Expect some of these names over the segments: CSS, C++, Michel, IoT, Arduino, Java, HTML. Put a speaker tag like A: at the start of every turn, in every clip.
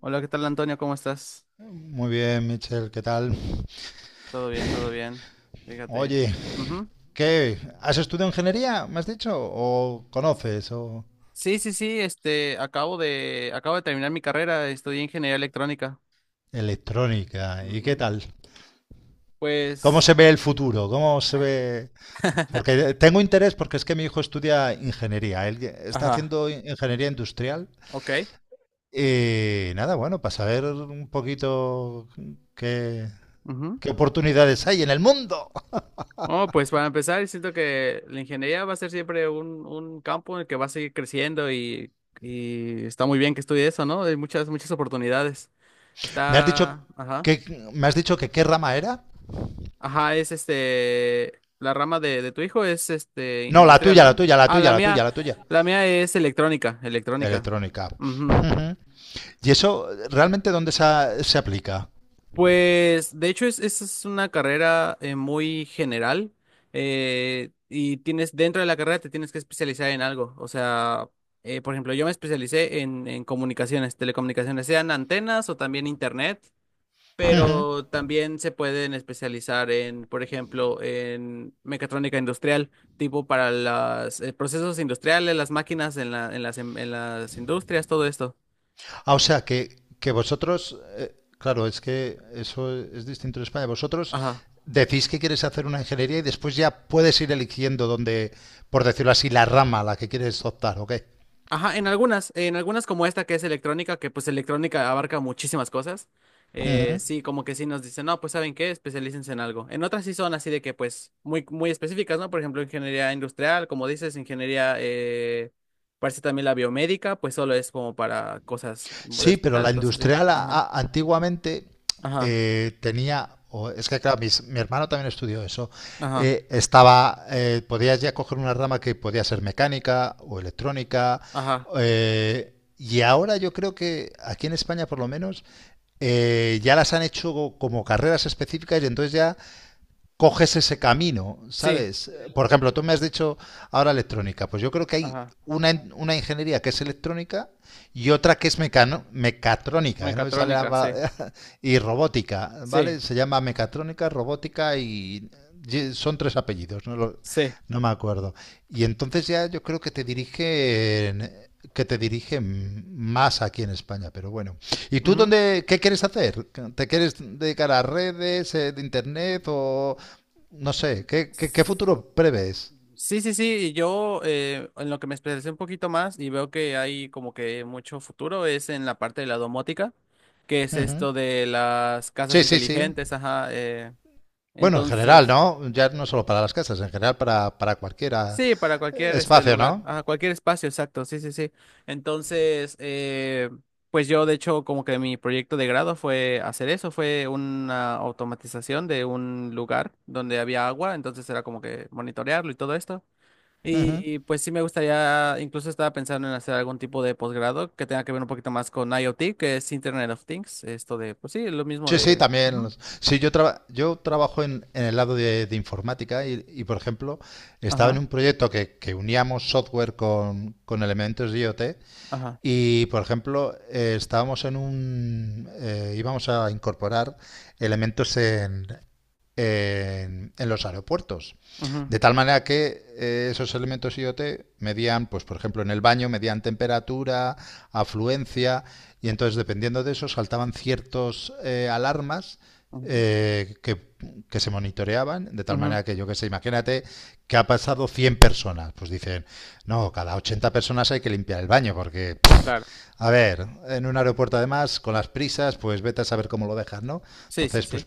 A: Hola, ¿qué tal, Antonio? ¿Cómo estás?
B: Muy bien, Michel, ¿qué tal?
A: Todo bien, todo bien. Fíjate.
B: Oye,
A: Ujú.
B: ¿qué? ¿Has estudiado ingeniería, me has dicho? ¿O conoces? ¿O
A: Sí, sí, sí, acabo acabo de terminar mi carrera, estudié ingeniería electrónica.
B: electrónica? ¿Y qué
A: Ujú.
B: tal? ¿Cómo
A: Pues,
B: se ve el futuro? ¿Cómo se ve? Porque tengo interés porque es que mi hijo estudia ingeniería. Él está
A: ajá,
B: haciendo ingeniería industrial.
A: ok.
B: Y nada, bueno, para saber un poquito qué,
A: Ujú.
B: qué oportunidades hay en el mundo.
A: Oh, pues para empezar, siento que la ingeniería va a ser siempre un campo en el que va a seguir creciendo y está muy bien que estudie eso, ¿no? Hay muchas, muchas oportunidades.
B: ¿Me has dicho
A: Está, ajá.
B: que, me has dicho que qué rama era?
A: Ajá, es este, la rama de tu hijo es este,
B: No, la
A: industrial,
B: tuya, la
A: ¿no?
B: tuya, la
A: Ah,
B: tuya, la tuya, la tuya.
A: la mía es electrónica, electrónica.
B: Electrónica.
A: Ujú.
B: Ujú. ¿Y eso realmente dónde se, se aplica?
A: Pues, de hecho, es una carrera muy general y tienes, dentro de la carrera te tienes que especializar en algo. O sea, por ejemplo, yo me especialicé en comunicaciones, telecomunicaciones, sean antenas o también internet.
B: Ujú.
A: Pero también se pueden especializar en, por ejemplo, en mecatrónica industrial, tipo para los procesos industriales, las máquinas en en en las industrias, todo esto.
B: Ah, o sea, que vosotros, claro, es que eso es distinto en España. Vosotros
A: Ajá.
B: decís que quieres hacer una ingeniería y después ya puedes ir eligiendo dónde, por decirlo así, la rama a la que quieres optar, ¿ok?
A: Ajá, en algunas como esta que es electrónica, que pues electrónica abarca muchísimas cosas.
B: Ujú.
A: Sí, como que sí nos dicen, no, pues ¿saben qué? Especialícense en algo. En otras sí son así de que pues muy, muy específicas, ¿no? Por ejemplo, ingeniería industrial, como dices, ingeniería, parece también la biomédica, pues solo es como para cosas de
B: Sí, pero la
A: hospitales, cosas así.
B: industrial
A: Ajá,
B: antiguamente
A: ajá,
B: tenía, o es que claro, mi hermano también estudió eso,
A: ajá,
B: estaba, podías ya coger una rama que podía ser mecánica o electrónica,
A: ajá.
B: y ahora yo creo que aquí en España por lo menos ya las han hecho como carreras específicas y entonces ya coges ese camino,
A: Sí,
B: ¿sabes? Por ejemplo, tú me has dicho ahora electrónica, pues yo creo que hay
A: ajá.
B: una, una ingeniería que es electrónica y otra que es mecatrónica, que no me sale la
A: Mecatrónica, sí,
B: palabra, y robótica,
A: sí,
B: ¿vale? Se llama mecatrónica, robótica y son tres apellidos,
A: sí.
B: no me acuerdo. Y entonces ya yo creo que te dirigen más aquí en España, pero bueno. ¿Y tú
A: Ujú.
B: dónde, qué quieres hacer? ¿Te quieres dedicar a redes, de internet o, no sé, ¿qué, qué, qué futuro prevés?
A: Sí, sí, sí, yo en lo que me especialicé un poquito más y veo que hay como que mucho futuro es en la parte de la domótica, que es
B: Ujú.
A: esto de las casas
B: Sí, sí, sí.
A: inteligentes, ajá,
B: Bueno, en general,
A: entonces,
B: ¿no? Ya no solo para las casas, en general para cualquier
A: sí, para cualquier este
B: espacio,
A: lugar,
B: ¿no?
A: ajá, cualquier espacio, exacto, sí, sí, sí. Entonces, pues yo de hecho como que mi proyecto de grado fue hacer eso, fue una automatización de un lugar donde había agua, entonces era como que monitorearlo y todo esto.
B: Ujú.
A: Y pues sí me gustaría, incluso estaba pensando en hacer algún tipo de posgrado que tenga que ver un poquito más con IoT, que es Internet of Things, esto de, pues sí, lo mismo
B: Sí, sí,
A: de...
B: también.
A: ujú,
B: Sí, yo, yo trabajo en el lado de informática y, por ejemplo, estaba en
A: ajá,
B: un proyecto que uníamos software con elementos de IoT.
A: ajá,
B: Y, por ejemplo, estábamos en un... íbamos a incorporar elementos en los aeropuertos.
A: ujú,
B: De tal manera que esos elementos IoT medían, pues, por ejemplo, en el baño, medían temperatura, afluencia, y entonces, dependiendo de eso, saltaban ciertos alarmas
A: ujú,
B: eh, que, que se monitoreaban, de tal
A: ujú,
B: manera que yo que sé, imagínate que ha pasado 100 personas, pues dicen, no, cada 80 personas hay que limpiar el baño porque
A: claro.
B: a ver, en un aeropuerto además, con las prisas, pues vete a saber cómo lo dejas, ¿no?
A: Sí, sí,
B: Entonces,
A: sí.
B: pues,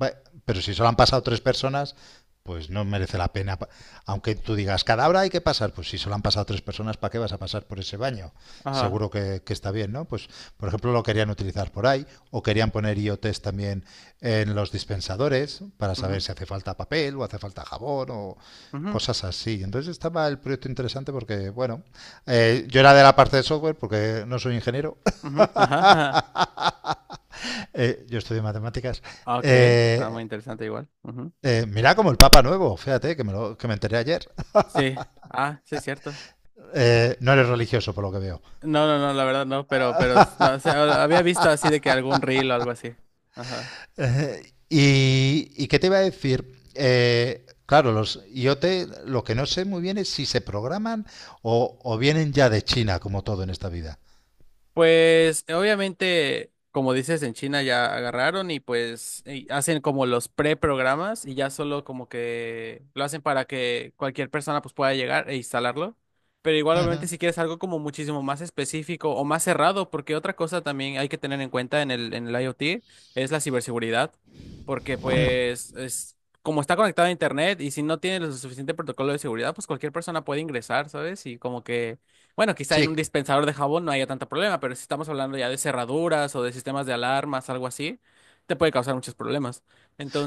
B: va- pero si solo han pasado tres personas, pues no merece la pena. Aunque tú digas, cada hora hay que pasar, pues si solo han pasado tres personas, ¿para qué vas a pasar por ese baño?
A: Ajá,
B: Seguro que está bien, ¿no? Pues, por ejemplo, lo querían utilizar por ahí, o querían poner IoTs también en los dispensadores para saber
A: ujú,
B: si hace falta papel o hace falta jabón o
A: ujú,
B: cosas así. Entonces estaba el proyecto interesante porque, bueno, yo era de la parte de software porque no soy ingeniero,
A: ujú, ajá,
B: yo estudio matemáticas.
A: ajá. Ok, ah, muy
B: Eh,
A: interesante igual. Ujú.
B: mira como el Papa nuevo, fíjate que me, lo, que me enteré ayer.
A: Sí, ah, sí, es cierto.
B: No eres religioso por lo que veo.
A: No, no, no, la verdad no, pero, no, o sea, había visto así de que algún reel o algo así. Ajá.
B: Y, ¿y qué te iba a decir? Claro, los IoT, lo que no sé muy bien es si se programan o vienen ya de China, como todo en esta vida.
A: Pues obviamente, como dices, en China ya agarraron y pues y hacen como los preprogramas y ya solo como que lo hacen para que cualquier persona pues pueda llegar e instalarlo. Pero igual obviamente
B: Ujú.
A: si quieres algo como muchísimo más específico o más cerrado, porque otra cosa también hay que tener en cuenta en en el IoT es la ciberseguridad, porque
B: Mm.
A: pues es como está conectado a internet y si no tiene lo suficiente protocolo de seguridad, pues cualquier persona puede ingresar, ¿sabes? Y como que bueno, quizá en un
B: Sí,
A: dispensador de jabón no haya tanto problema, pero si estamos hablando ya de cerraduras o de sistemas de alarmas, algo así, te puede causar muchos problemas.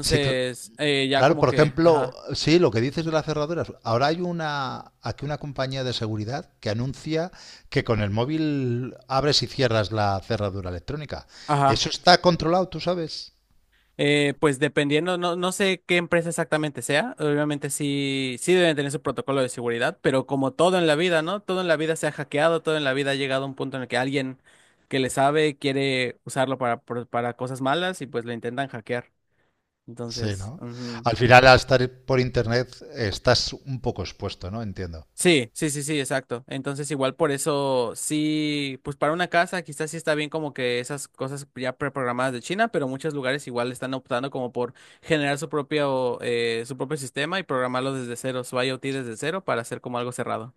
B: sí,
A: ya
B: claro,
A: como
B: por
A: que,
B: ejemplo,
A: ajá,
B: sí, lo que dices de las cerraduras. Ahora hay una, aquí una compañía de seguridad que anuncia que con el móvil abres y cierras la cerradura electrónica.
A: ajá.
B: Eso está controlado, tú sabes.
A: Pues dependiendo, no, no sé qué empresa exactamente sea, obviamente sí, sí deben tener su protocolo de seguridad, pero como todo en la vida, ¿no? Todo en la vida se ha hackeado, todo en la vida ha llegado a un punto en el que alguien que le sabe quiere usarlo para cosas malas y pues lo intentan hackear.
B: Sí,
A: Entonces,
B: ¿no?
A: ujú.
B: Al final, al estar por internet, estás un poco expuesto, ¿no? Entiendo.
A: Sí, sí, sí, sí, exacto. Entonces, igual por eso, sí, pues para una casa quizás sí está bien como que esas cosas ya preprogramadas de China, pero muchos lugares igual están optando como por generar su propio sistema y programarlo desde cero, su IoT desde cero para hacer como algo cerrado.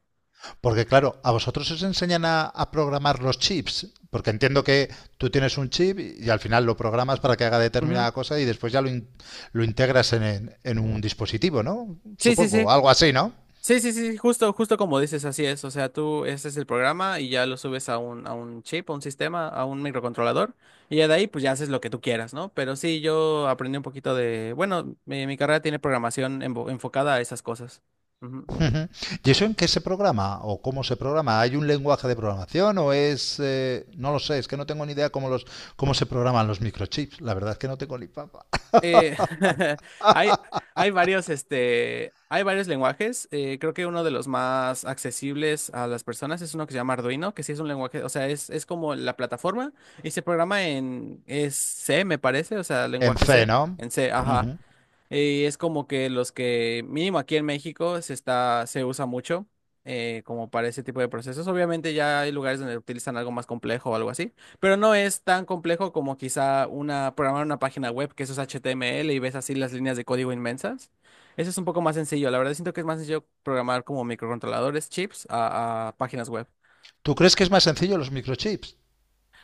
B: Porque claro, a vosotros os enseñan a programar los chips, porque entiendo que tú tienes un chip y al final lo programas para que haga
A: Ujú.
B: determinada cosa y después ya lo, lo integras en, en un dispositivo, ¿no?
A: Sí, sí, sí.
B: Supongo, algo así, ¿no?
A: Sí, sí, sí, justo, justo como dices, así es. O sea, tú, ese es el programa y ya lo subes a un chip, a un sistema, a un microcontrolador, y ya de ahí, pues ya haces lo que tú quieras, ¿no? Pero sí, yo aprendí un poquito de, bueno, mi carrera tiene programación enfocada a esas cosas. Ujú.
B: Ujú. ¿Y eso en qué se programa o cómo se programa? ¿Hay un lenguaje de programación o es... no lo sé, es que no tengo ni idea cómo, los, cómo se programan los microchips. La verdad es que no tengo ni papa.
A: Eh, hay, hay varios, este, hay varios lenguajes. Creo que uno de los más accesibles a las personas es uno que se llama Arduino, que sí es un lenguaje, o sea, es como la plataforma y se programa en, es C, me parece, o sea,
B: ¿En
A: lenguaje
B: C,
A: C,
B: no?
A: en C, ajá.
B: Ujú.
A: Y es como que los que, mínimo aquí en México, se está, se usa mucho como para ese tipo de procesos. Obviamente ya hay lugares donde utilizan algo más complejo o algo así, pero no es tan complejo como quizá una, programar una página web que eso es HTML y ves así las líneas de código inmensas. Eso es un poco más sencillo. La verdad siento que es más sencillo programar como microcontroladores, chips, a páginas web.
B: ¿Tú crees que es más sencillo los microchips?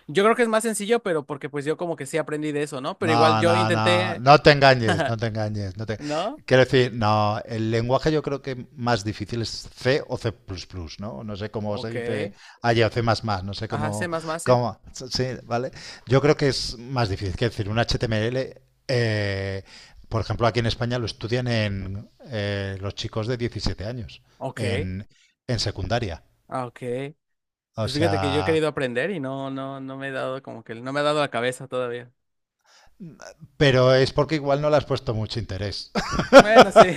A: Yo creo que es más sencillo, pero porque pues yo como que sí aprendí de eso, ¿no? Pero igual
B: No,
A: yo
B: no, no,
A: intenté,
B: no te engañes, no te engañes. No te...
A: ¿no?
B: Quiero decir, no, el lenguaje yo creo que más difícil es C o C++, ¿no? No sé cómo se
A: Ok.
B: dice allá o C++, no sé
A: Ajá, C++,
B: cómo,
A: sí.
B: cómo, sí, ¿vale? Yo creo que es más difícil, quiero decir, un HTML, eh, por ejemplo, aquí en España lo estudian en los chicos de 17 años,
A: Ok.
B: en, en secundaria,
A: Ah, ok.
B: o
A: Pues fíjate que yo he
B: sea,
A: querido aprender y no, no, no me he dado como que no me ha dado la cabeza todavía.
B: pero es porque igual no le has puesto mucho interés.
A: Bueno, sí.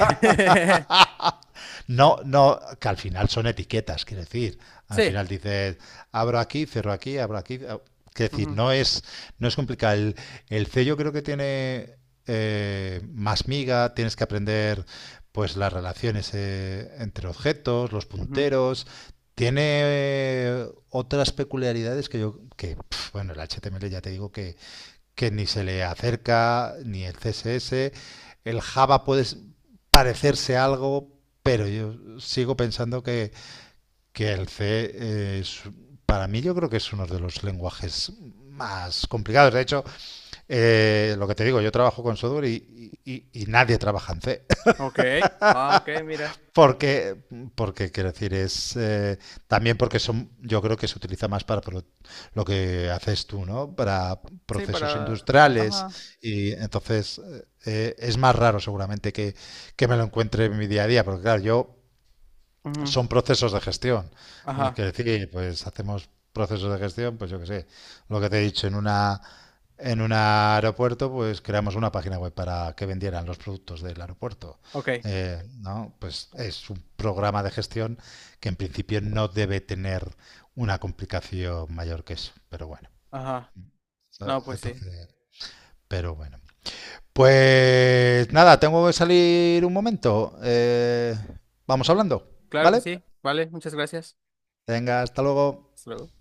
B: No, no, que al final son etiquetas, quiero decir. Al
A: Sí.
B: final dices, abro aquí, cierro aquí, abro aquí. Quiero decir,
A: Ujú,
B: no es, no es complicado. El C yo creo que tiene más miga, tienes que aprender pues las relaciones entre objetos, los
A: ujú,
B: punteros. Tiene otras peculiaridades que yo, que, pf, bueno, el HTML ya te digo que ni se le acerca, ni el CSS. El Java puede
A: ujú.
B: parecerse algo, pero yo sigo pensando que el C es, para mí yo creo que es uno de los lenguajes más complicados. De hecho, lo que te digo, yo trabajo con software y nadie trabaja en C
A: Ok. Ah, ok, mira.
B: porque, porque quiero decir, es también porque son, yo creo que se utiliza más para lo que haces tú, ¿no? Para
A: Sí,
B: procesos
A: para.
B: industriales
A: Ajá.
B: y entonces es más raro seguramente que me lo encuentre en mi día a día, porque claro, yo
A: Ujú,
B: son procesos de gestión. Es
A: ajá.
B: que decir, pues hacemos procesos de gestión, pues yo qué sé, lo que te he dicho, en una en un aeropuerto, pues creamos una página web para que vendieran los productos del aeropuerto.
A: Ok.
B: ¿No? Pues es un programa de gestión que en principio no debe tener una complicación mayor que eso. Pero bueno,
A: Ajá. No,
B: ¿sabes?
A: pues sí.
B: Entonces, pero bueno. Pues nada, tengo que salir un momento. Vamos
A: Sí.
B: hablando,
A: Claro que
B: ¿vale?
A: sí. Vale, muchas gracias.
B: Venga, hasta luego.
A: Hasta luego.